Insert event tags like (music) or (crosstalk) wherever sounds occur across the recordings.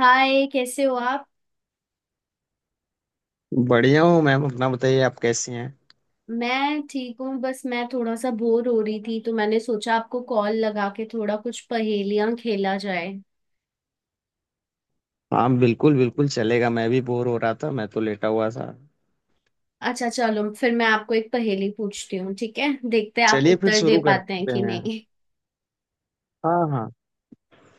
हाय, कैसे हो आप। बढ़िया हूँ मैम। अपना बताइए, आप कैसी हैं? मैं ठीक हूँ, बस मैं थोड़ा सा बोर हो रही थी तो मैंने सोचा आपको कॉल लगा के थोड़ा कुछ पहेलियां खेला जाए। हाँ, बिल्कुल बिल्कुल चलेगा। मैं भी बोर हो रहा था, मैं तो लेटा हुआ था। अच्छा चलो, फिर मैं आपको एक पहेली पूछती हूँ, ठीक है। देखते हैं आप चलिए फिर उत्तर दे शुरू पाते हैं करते कि हैं। नहीं। हाँ हाँ।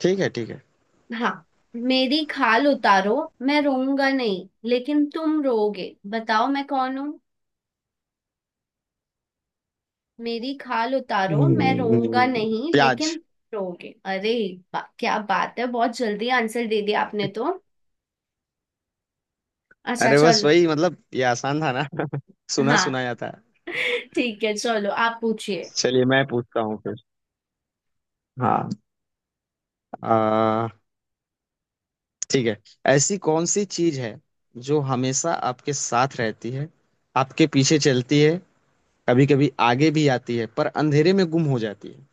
ठीक है ठीक है। (laughs) हाँ, मेरी खाल उतारो, मैं रोऊंगा नहीं लेकिन तुम रोओगे, बताओ मैं कौन हूँ। मेरी खाल उतारो, मैं रोऊंगा हम्म, नहीं प्याज। लेकिन रोओगे। अरे क्या बात है, बहुत जल्दी आंसर दे दिया आपने तो। अच्छा अरे बस चलो। वही, मतलब ये आसान था ना। (laughs) सुना हाँ, सुनाया था। ठीक है, चलो आप पूछिए। चलिए मैं पूछता हूँ फिर। हाँ। आ, ठीक है। ऐसी कौन सी चीज है जो हमेशा आपके साथ रहती है, आपके पीछे चलती है, कभी कभी आगे भी आती है, पर अंधेरे में गुम हो जाती है?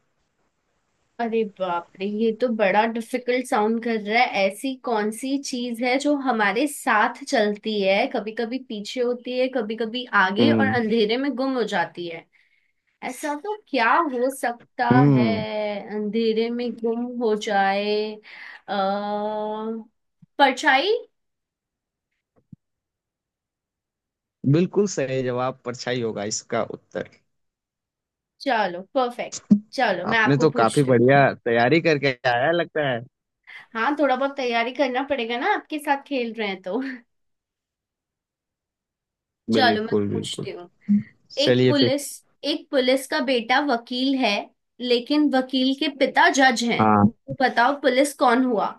अरे बाप रे, ये तो बड़ा डिफिकल्ट साउंड कर रहा है। ऐसी कौन सी चीज है जो हमारे साथ चलती है, कभी कभी पीछे होती है, कभी कभी आगे, और हम्म। अंधेरे में गुम हो जाती है। ऐसा तो क्या हो सकता है। हम्म। अंधेरे में गुम हो जाए। अः परछाई। बिल्कुल सही जवाब, परछाई होगा इसका उत्तर। चलो परफेक्ट। चलो मैं आपने आपको तो काफी पूछती हूँ। बढ़िया तैयारी करके आया लगता है। हाँ, थोड़ा बहुत तैयारी करना पड़ेगा ना, आपके साथ खेल रहे हैं तो। (laughs) चलो मैं बिल्कुल बिल्कुल। पूछती हूँ। एक चलिए फिर। पुलिस एक पुलिस का बेटा वकील है, लेकिन वकील के पिता जज हैं। हाँ। तो बताओ पुलिस कौन हुआ।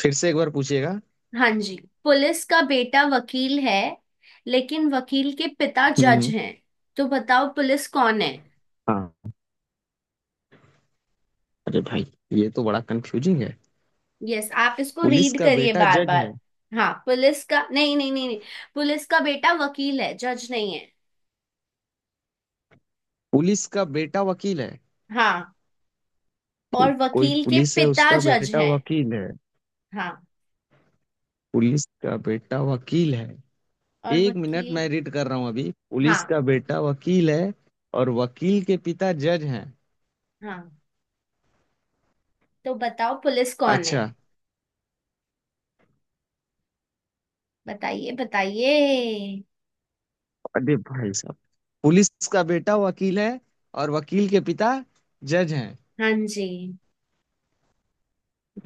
फिर से एक बार पूछिएगा। हाँ जी, पुलिस का बेटा वकील है, लेकिन वकील के पिता जज हम्म। हैं। तो बताओ पुलिस कौन है। हाँ। अरे भाई, ये तो बड़ा कंफ्यूजिंग है। यस, आप इसको पुलिस रीड का करिए बेटा बार जज है। बार। हाँ, पुलिस का, नहीं नहीं नहीं नहीं। पुलिस का बेटा वकील है, जज नहीं है। पुलिस का बेटा वकील है। हाँ, और कोई वकील के पुलिस है, पिता उसका जज बेटा हैं। वकील है। हाँ, पुलिस का बेटा वकील है। और एक मिनट, मैं वकील। रीड कर रहा हूँ अभी। पुलिस हाँ का बेटा वकील है और वकील के पिता जज हैं। हाँ। तो बताओ पुलिस कौन है। अच्छा। बताइए बताइए। अरे भाई साहब, पुलिस का बेटा वकील है और वकील के पिता जज हैं। हाँ जी।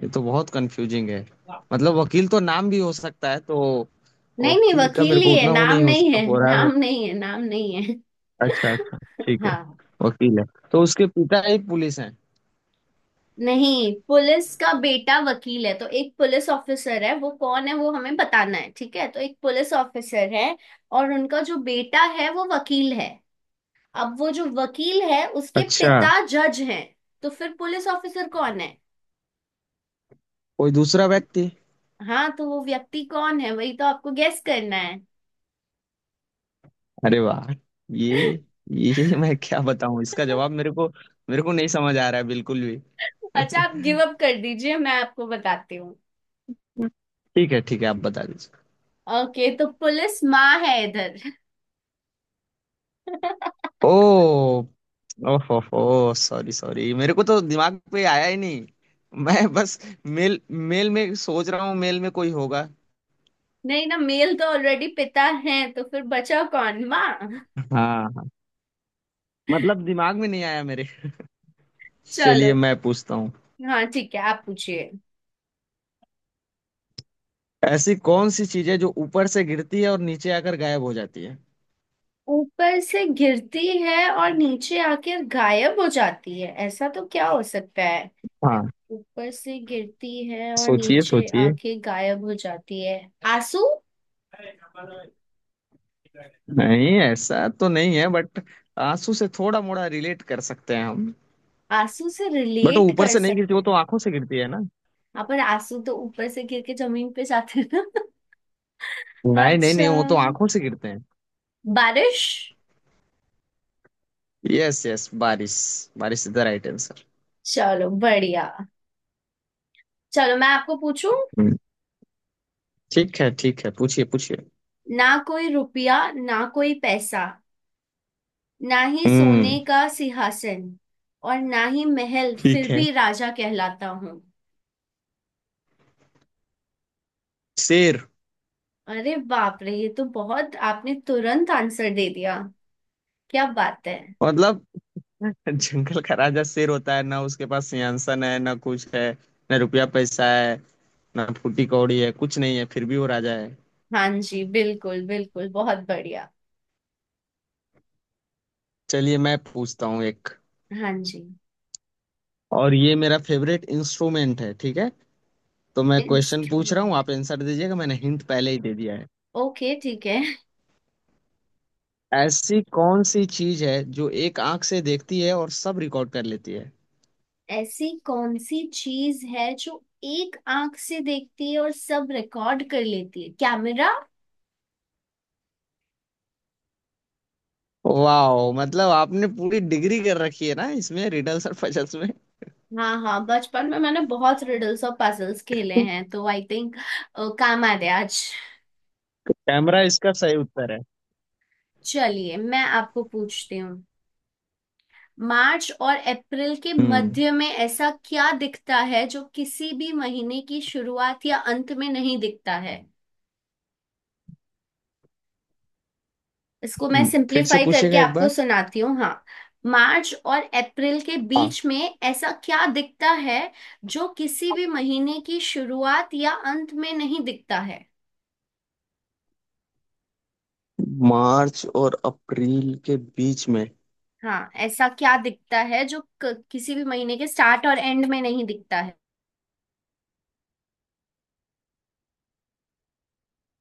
ये तो बहुत कंफ्यूजिंग है। मतलब वकील तो नाम भी हो सकता है तो। नहीं नहीं, वकील का वकील मेरे ही को है, उतना वो नाम नहीं नहीं है, हो रहा है, नाम बट नहीं है, नाम नहीं है। अच्छा अच्छा, (laughs) ठीक है। हाँ। वकील है, तो उसके पिता ही पुलिस हैं। नहीं, पुलिस का बेटा वकील है, तो एक पुलिस ऑफिसर है, वो कौन है वो हमें बताना है, ठीक है। तो एक पुलिस ऑफिसर है, और उनका जो बेटा है वो वकील है। अब वो जो वकील है, उसके अच्छा, पिता जज हैं। तो फिर पुलिस ऑफिसर कौन है। कोई दूसरा व्यक्ति। हाँ, तो वो व्यक्ति कौन है, वही तो आपको गेस करना है। अरे वाह! ये ये मैं क्या बताऊं इसका जवाब? मेरे को, मेरे को नहीं समझ आ रहा है बिल्कुल भी। अच्छा, आप गिव अप कर दीजिए, मैं आपको बताती हूँ। ठीक है ठीक है, आप बता दीजिए। ओके, तो पुलिस माँ है इधर। (laughs) ओ, ओहो सॉरी सॉरी, मेरे को तो दिमाग पे आया ही नहीं। मैं बस मेल, मेल में सोच रहा हूँ, मेल में कोई होगा। नहीं ना, मेल तो ऑलरेडी पिता है, तो फिर बचा कौन, माँ। हाँ। हाँ। मतलब दिमाग में नहीं आया मेरे। चलो। चलिए मैं पूछता हूँ। हाँ ठीक है, आप पूछिए। ऐसी कौन सी चीजें जो ऊपर से गिरती है और नीचे आकर गायब हो जाती है? ऊपर से गिरती है और नीचे आकर गायब हो जाती है, ऐसा तो क्या हो सकता है। हाँ। ऊपर से गिरती है और सोचिए नीचे सोचिए। आके गायब हो जाती है। आंसू। नहीं, ऐसा तो नहीं है, बट आंसू से थोड़ा मोड़ा रिलेट कर सकते हैं हम। आंसू से बट वो रिलेट ऊपर कर से नहीं गिरती, सकते वो तो हैं। आंखों से गिरती है ना। हाँ, पर आंसू तो ऊपर से गिर के जमीन पे जाते हैं। नहीं नहीं अच्छा। नहीं, वो तो आंखों से गिरते हैं। बारिश। यस यस, बारिश। बारिश इज द राइट आंसर। चलो बढ़िया। चलो मैं आपको पूछूं। ठीक है ठीक है, पूछिए पूछिए। ना कोई रुपया ना कोई पैसा, ना ही सोने हम्म। का सिंहासन, और ना ही महल, फिर ठीक है। भी राजा कहलाता हूँ। शेर। अरे बाप रे, ये तो बहुत, आपने तुरंत आंसर दे दिया, क्या बात है। मतलब (laughs) जंगल का राजा शेर होता है ना, उसके पास सिंहासन है ना कुछ है, ना रुपया पैसा है, ना फूटी कौड़ी है, कुछ नहीं है फिर भी वो राजा है। हाँ जी, बिल्कुल बिल्कुल, बहुत बढ़िया। चलिए मैं पूछता हूँ एक। हाँ जी। और ये मेरा फेवरेट इंस्ट्रूमेंट है, ठीक है, तो मैं क्वेश्चन पूछ रहा हूँ, इंस्ट्रूमेंट, आप आंसर दीजिएगा, मैंने हिंट पहले ही दे दिया है। ओके ठीक है। ऐसी कौन सी चीज है जो एक आंख से देखती है और सब रिकॉर्ड कर लेती है? ऐसी कौन सी चीज है जो एक आंख से देखती है और सब रिकॉर्ड कर लेती है। कैमरा। वाह, मतलब आपने पूरी डिग्री कर रखी है ना इसमें, रिडल्स और पजल्स में। हाँ हाँ, बचपन में मैंने बहुत रिडल्स और पजल्स खेले हैं तो आई थिंक काम आ गया आज। कैमरा इसका सही उत्तर है। चलिए मैं आपको पूछती हूँ। मार्च और अप्रैल के हम्म। मध्य में ऐसा क्या दिखता है जो किसी भी महीने की शुरुआत या अंत में नहीं दिखता है। इसको मैं फिर से सिंपलीफाई करके पूछिएगा एक आपको बार। सुनाती हूँ। हाँ, मार्च और अप्रैल के हाँ। बीच में ऐसा क्या दिखता है जो किसी भी महीने की शुरुआत या अंत में नहीं दिखता है। मार्च और अप्रैल के बीच में। हाँ, ऐसा क्या दिखता है जो किसी भी महीने के स्टार्ट और एंड में नहीं दिखता है।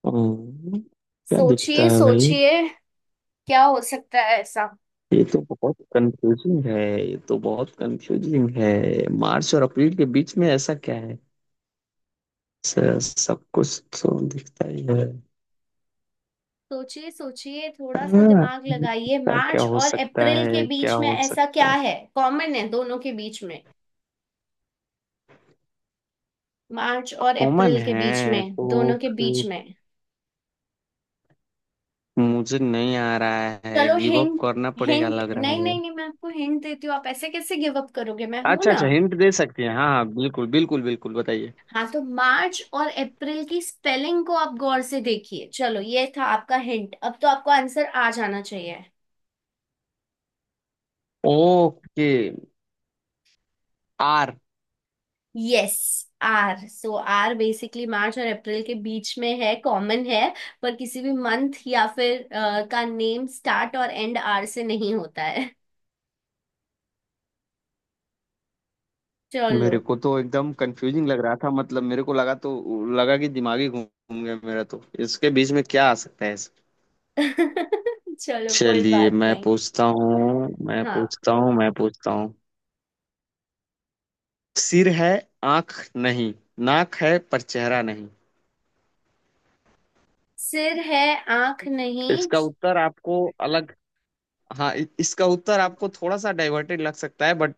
हम्म, क्या दिखता सोचिए है भाई? सोचिए। क्या हो सकता है ऐसा। ये तो बहुत कंफ्यूजिंग है। ये तो बहुत कंफ्यूजिंग है। मार्च और अप्रैल के बीच में ऐसा क्या है? सब कुछ तो दिखता ही है। सोचिए सोचिए, थोड़ा सा हाँ, दिमाग लगाइए। ऐसा क्या मार्च हो और सकता अप्रैल के है, क्या बीच में हो ऐसा सकता क्या है? है, कॉमन है दोनों के बीच में। मार्च और कॉमन अप्रैल के बीच है में, तो। दोनों के बीच में। मुझे नहीं आ रहा है, चलो गिव अप हिंट। करना पड़ेगा हिंट, लग रहा नहीं है। नहीं नहीं, मैं आपको हिंट देती हूँ, आप ऐसे कैसे गिव अप करोगे, मैं हूं अच्छा ना। अच्छा, हिंट दे सकती हैं? हाँ हाँ बिल्कुल बिल्कुल बिल्कुल, बताइए। हाँ तो मार्च और अप्रैल की स्पेलिंग को आप गौर से देखिए। चलो ये था आपका हिंट, अब तो आपको आंसर आ जाना चाहिए। Okay. R. Yes, R. So R basically March और अप्रैल के बीच में है, कॉमन है। पर किसी भी मंथ या फिर का नेम स्टार्ट और एंड आर से नहीं होता है। चलो। मेरे को तो एकदम कंफ्यूजिंग लग रहा था, मतलब मेरे को लगा तो लगा कि दिमागी घूम गया मेरा, तो इसके बीच में क्या आ सकता है (laughs) चलो कोई चलिए बात मैं नहीं। पूछता हूँ, मैं हाँ। पूछता हूँ, मैं पूछता हूँ। सिर है आंख नहीं, नाक है पर चेहरा नहीं। सिर है आंख नहीं। इसका उत्तर आपको अलग, हाँ इसका उत्तर आपको थोड़ा सा डाइवर्टेड लग सकता है, बट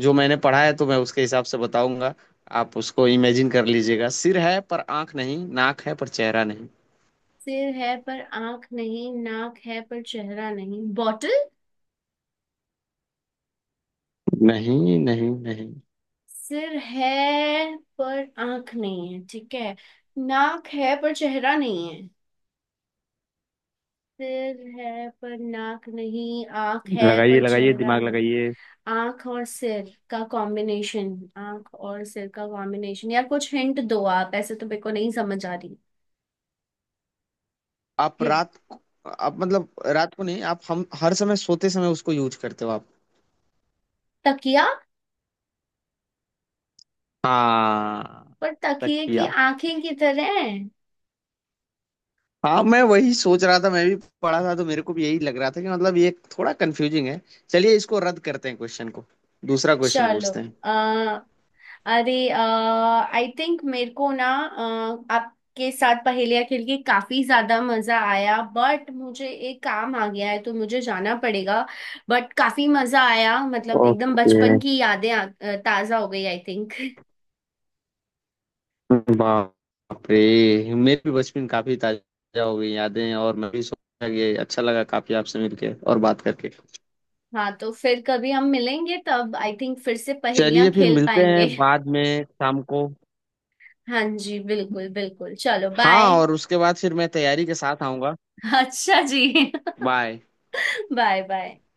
जो मैंने पढ़ा है तो मैं उसके हिसाब से बताऊंगा। आप उसको इमेजिन कर लीजिएगा। सिर है पर आंख नहीं, नाक है पर चेहरा नहीं। सिर है पर आंख नहीं, नाक है पर चेहरा नहीं, बॉटल। नहीं नहीं नहीं। सिर है पर आंख नहीं है, ठीक है, नाक है पर चेहरा नहीं है। सिर है पर नाक नहीं, आंख है लगाइए पर लगाइए, चेहरा दिमाग नहीं। लगाइए। आंख और सिर का कॉम्बिनेशन। आंख और सिर का कॉम्बिनेशन, यार कुछ हिंट दो, आप ऐसे तो मेरे को नहीं समझ आ रही। आप हिंट। रात को, आप मतलब, रात को नहीं, आप हम हर समय सोते समय उसको यूज करते हो आप। तकिया। हाँ पर तकिए की तकिया। आंखें की तरह हैं। हाँ, मैं वही सोच रहा था। मैं भी पढ़ा था, तो मेरे को भी यही लग रहा था कि मतलब ये थोड़ा कंफ्यूजिंग है। चलिए इसको रद्द करते हैं क्वेश्चन को, दूसरा क्वेश्चन चलो। पूछते हैं। आ, अरे, आई थिंक मेरे को ना आपके साथ पहेलियाँ खेल के काफी ज्यादा मजा आया, बट मुझे एक काम आ गया है तो मुझे जाना पड़ेगा। बट काफी मजा आया, मतलब एकदम ओके। बचपन की यादें ताजा हो गई आई थिंक। (laughs) बाप रे, मेरे भी बचपन काफी ताजा हो गई यादें, और मैं भी सोचा कि अच्छा लगा काफी आपसे मिलके और बात करके। हाँ, तो फिर कभी हम मिलेंगे तब आई थिंक फिर से पहेलियाँ चलिए फिर खेल मिलते हैं पाएंगे। (laughs) बाद में शाम को। हाँ जी, बिल्कुल बिल्कुल, चलो हाँ, बाय। और उसके बाद फिर मैं तैयारी के साथ आऊंगा। (laughs) अच्छा जी। बाय। (laughs) Bye bye.